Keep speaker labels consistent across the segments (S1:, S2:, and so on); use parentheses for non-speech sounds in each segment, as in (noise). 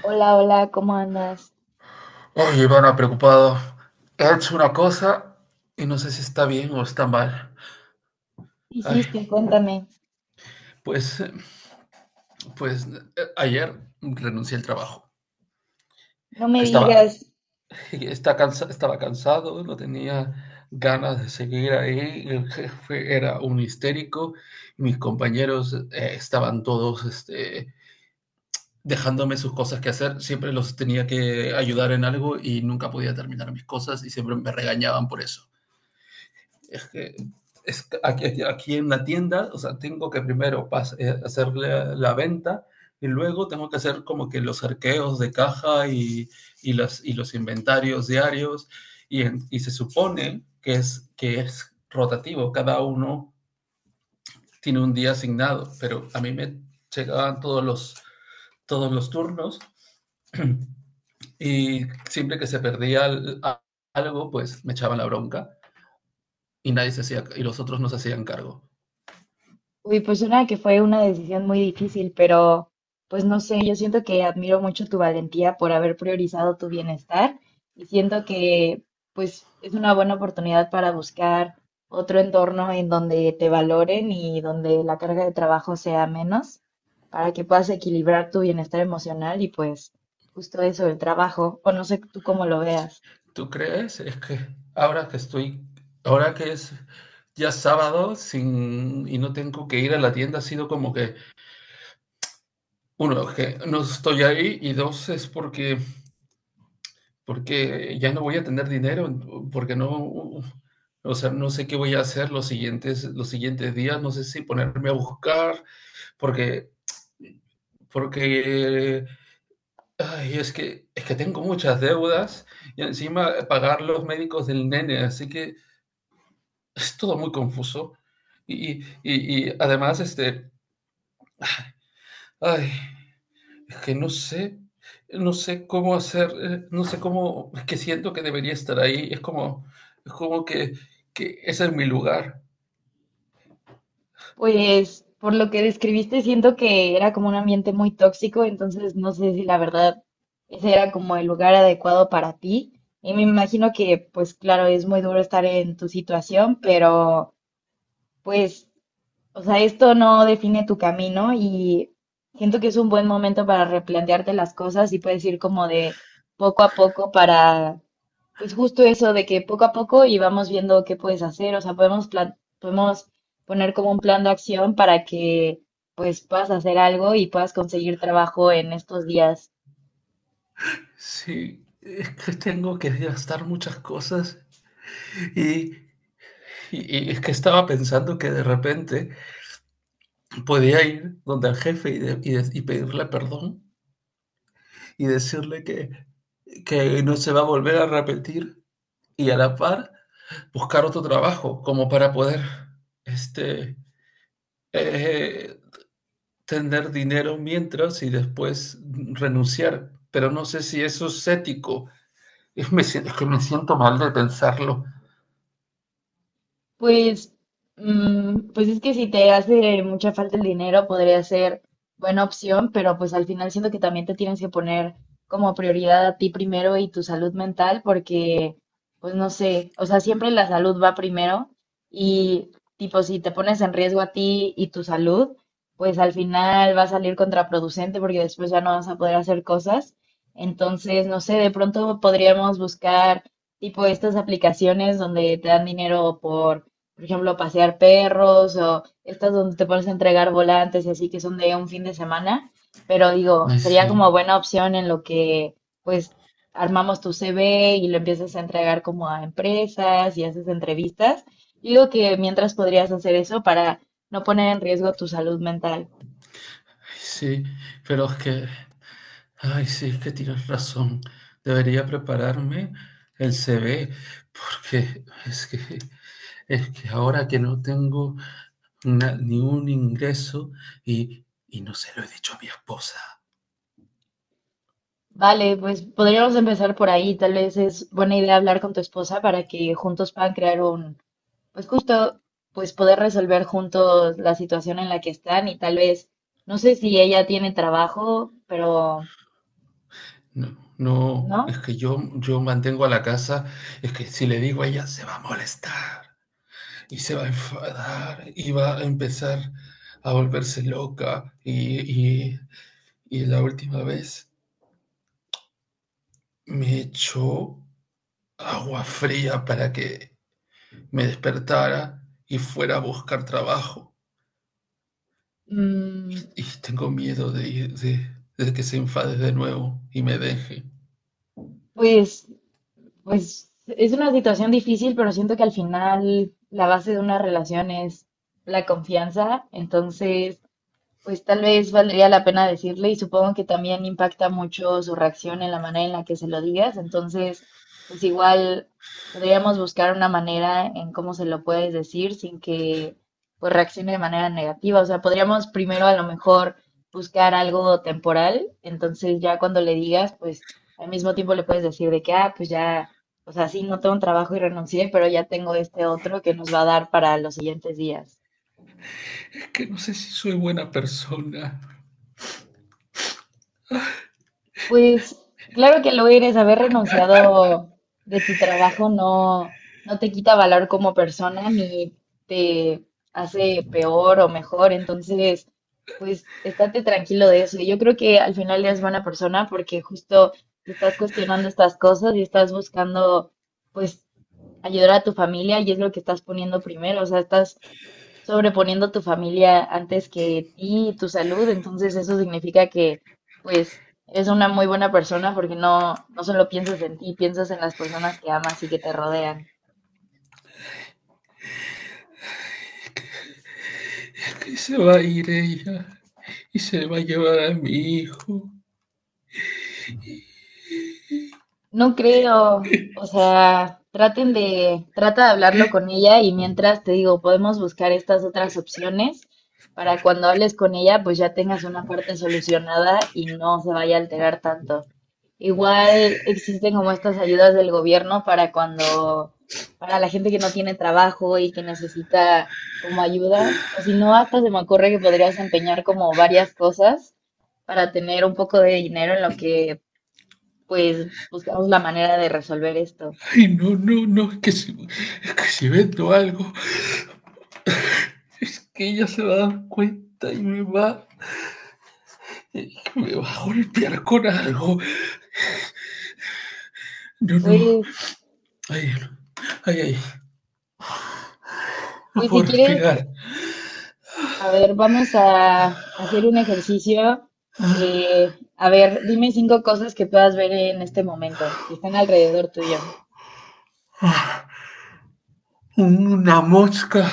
S1: Hola, hola, ¿cómo andas?
S2: Oye, Ivana, preocupado. He hecho una cosa y no sé si está bien o está mal.
S1: ¿Qué
S2: Ay,
S1: hiciste? Cuéntame.
S2: pues, pues, ayer renuncié al trabajo.
S1: No me
S2: estaba,
S1: digas,
S2: Estaba cansado, no tenía ganas de seguir ahí. El jefe era un histérico. Mis compañeros estaban todos, dejándome sus cosas que hacer. Siempre los tenía que ayudar en algo y nunca podía terminar mis cosas y siempre me regañaban por eso. Es que es aquí, en la tienda, o sea, tengo que primero hacer la venta, y luego tengo que hacer como que los arqueos de caja y y los inventarios diarios, y, y se supone que es rotativo, cada uno tiene un día asignado, pero a mí me llegaban todos los turnos. (clears throat) Y siempre que se perdía algo, pues me echaban la bronca y los otros no se hacían cargo.
S1: uy, pues una que fue una decisión muy difícil, pero pues no sé, yo siento que admiro mucho tu valentía por haber priorizado tu bienestar y siento que pues es una buena oportunidad para buscar otro entorno en donde te valoren y donde la carga de trabajo sea menos, para que puedas equilibrar tu bienestar emocional y pues justo eso, el trabajo, o no sé tú cómo lo veas.
S2: ¿Tú crees? Es que ahora que estoy, ahora que es ya sábado sin, y no tengo que ir a la tienda, ha sido como que, uno, que no estoy ahí y dos, es porque ya no voy a tener dinero, porque no, o sea, no sé qué voy a hacer los siguientes días, no sé si ponerme a buscar, porque, porque, ay, es que tengo muchas deudas y encima pagar los médicos del nene, así que es todo muy confuso. Y además, ay, que no sé cómo hacer, no sé cómo, que siento que debería estar ahí. Es como que ese es mi lugar.
S1: Pues por lo que describiste, siento que era como un ambiente muy tóxico, entonces no sé si la verdad ese era como el lugar adecuado para ti. Y me imagino que, pues claro, es muy duro estar en tu situación, pero pues, o sea, esto no define tu camino y siento que es un buen momento para replantearte las cosas y puedes ir como de poco a poco para pues justo eso de que poco a poco y vamos viendo qué puedes hacer, o sea, podemos podemos poner como un plan de acción para que pues puedas hacer algo y puedas conseguir trabajo en estos días.
S2: Sí, es que tengo que gastar muchas cosas. Y, y es que estaba pensando que de repente podía ir donde el jefe y pedirle perdón y decirle que no se va a volver a repetir. Y a la par, buscar otro trabajo como para poder este, eh, tener dinero mientras y después renunciar. Pero no sé si eso es ético. Es que me siento mal de pensarlo.
S1: Pues, mm, pues es que si te hace mucha falta el dinero, podría ser buena opción, pero pues al final siento que también te tienes que poner como prioridad a ti primero y tu salud mental, porque, pues no sé, o sea, siempre la salud va primero y tipo, si te pones en riesgo a ti y tu salud, pues al final va a salir contraproducente porque después ya no vas a poder hacer cosas. Entonces, no sé, de pronto podríamos buscar tipo estas aplicaciones donde te dan dinero por ejemplo, pasear perros o estas donde te pones a entregar volantes y así que son de un fin de semana, pero digo,
S2: Ay,
S1: sería
S2: sí,
S1: como buena opción en lo que pues armamos tu CV y lo empiezas a entregar como a empresas y haces entrevistas. Yo digo que mientras podrías hacer eso para no poner en riesgo tu salud mental.
S2: ay, sí, pero ay, sí, es que tienes razón. Debería prepararme el CV, porque es que ahora que no tengo ni un ingreso, y no se lo he dicho a mi esposa.
S1: Vale, pues podríamos empezar por ahí. Tal vez es buena idea hablar con tu esposa para que juntos puedan crear un. Pues justo, pues poder resolver juntos la situación en la que están y tal vez, no sé si ella tiene trabajo, pero
S2: No, no,
S1: no,
S2: es que yo mantengo a la casa, es que si le digo a ella se va a molestar y se va a enfadar y va a empezar a volverse loca, y, y la última vez me echó agua fría para que me despertara y fuera a buscar trabajo,
S1: mm,
S2: y tengo miedo de que se enfade de nuevo y me deje.
S1: pues, pues es una situación difícil, pero siento que al final la base de una relación es la confianza, entonces... Pues tal vez valdría la pena decirle y supongo que también impacta mucho su reacción en la manera en la que se lo digas. Entonces, pues igual podríamos buscar una manera en cómo se lo puedes decir sin que pues reaccione de manera negativa. O sea, podríamos primero a lo mejor buscar algo temporal. Entonces ya cuando le digas, pues al mismo tiempo le puedes decir de que, ah, pues ya, o sea, sí, no tengo un trabajo y renuncié, pero ya tengo este otro que nos va a dar para los siguientes días.
S2: Es que no sé si soy buena persona,
S1: Pues claro que lo eres, haber renunciado de tu trabajo no, no te quita valor como persona ni te hace peor o mejor. Entonces, pues estate tranquilo de eso. Yo creo que al final eres buena persona porque justo te estás cuestionando estas cosas y estás buscando, pues, ayudar a tu familia y es lo que estás poniendo primero. O sea, estás sobreponiendo a tu familia antes que ti y tu salud, entonces eso significa que pues eres una muy buena persona porque no, no solo piensas en ti, piensas en las personas que amas y que te rodean.
S2: es que se va a ir ella y se le va a llevar a mi hijo.
S1: No creo, o sea, traten de, trata de hablarlo con ella y mientras te digo, podemos buscar estas otras opciones para cuando hables con ella, pues ya tengas una parte solucionada y no se vaya a alterar tanto. Igual existen como estas ayudas del gobierno para cuando, para la gente que no tiene trabajo y que necesita como ayuda, o si no, hasta se me ocurre que podrías empeñar como varias cosas para tener un poco de dinero en lo que pues buscamos la manera de resolver esto.
S2: Ay, no, no, no, es que si, vendo algo, es que ella se va a dar cuenta y me va a golpear con algo. No, no,
S1: Pues,
S2: ay, ay, ay, no
S1: pues si
S2: puedo
S1: quieres,
S2: respirar.
S1: a ver, vamos a hacer un ejercicio.
S2: Ah,
S1: A ver, dime cinco cosas que puedas ver en este momento, que están alrededor tuyo.
S2: ah, una mosca,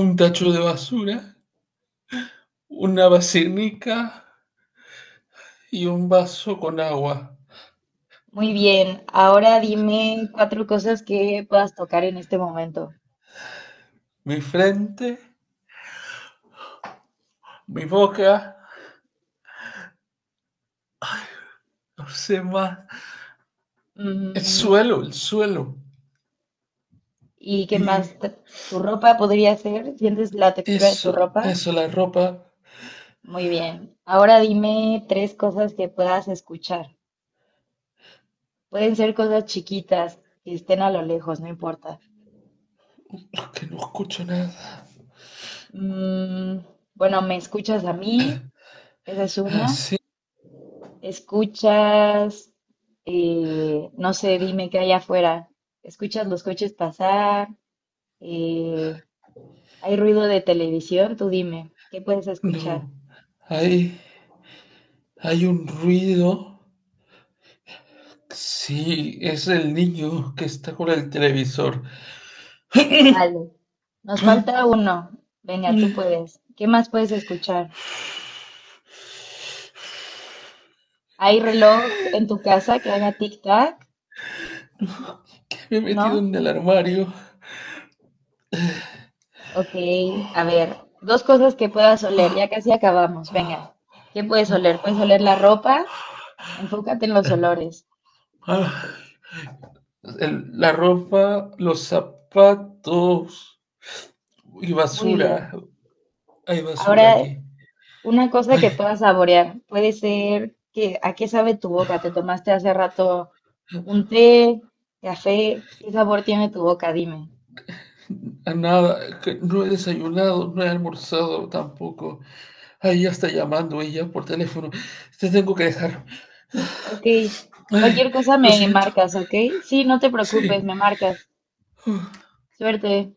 S2: un tacho de basura, una vacinica y un vaso con agua.
S1: Muy bien, ahora dime cuatro cosas que puedas tocar en este momento.
S2: Mi frente, mi boca, no sé más. El
S1: Mm,
S2: suelo, el suelo.
S1: ¿y qué más?
S2: Y
S1: T- ¿Tu ropa podría ser? ¿Sientes la textura de tu
S2: Eso,
S1: ropa?
S2: eso, la ropa,
S1: Muy bien. Ahora dime tres cosas que puedas escuchar. Pueden ser cosas chiquitas que estén a lo lejos, no importa.
S2: que no escucho nada.
S1: Mm, bueno, me escuchas a mí, esa es una.
S2: Así,
S1: Escuchas, no sé, dime qué hay afuera. Escuchas los coches pasar, eh, hay ruido de televisión, tú dime, ¿qué puedes escuchar?
S2: no, hay, hay un ruido. Sí, es el niño que está con el televisor.
S1: Vale. Nos falta
S2: (clears throat)
S1: uno. Venga, tú puedes. ¿Qué más puedes escuchar? ¿Hay reloj en tu casa que haga tic-tac?
S2: Que me he metido
S1: ¿No?
S2: en el armario.
S1: Ok, a ver, dos cosas que puedas oler, ya casi acabamos, venga. ¿Qué puedes oler? Puedes oler la ropa, enfócate en los olores.
S2: Ah, la ropa, los zapatos y
S1: Muy bien.
S2: basura. Hay basura
S1: Ahora,
S2: aquí.
S1: una cosa que
S2: Ay,
S1: puedas saborear, puede ser que a qué sabe tu boca, te tomaste hace rato un té, café, ¿qué sabor tiene tu boca? Dime.
S2: a nada, que no he desayunado, no he almorzado tampoco. Ahí ya está llamando ella por teléfono. Te tengo que dejar.
S1: Ok,
S2: Ay,
S1: cualquier cosa
S2: lo
S1: me
S2: siento.
S1: marcas, ¿ok? Sí, no te preocupes,
S2: Sí.
S1: me marcas.
S2: Uf.
S1: Suerte.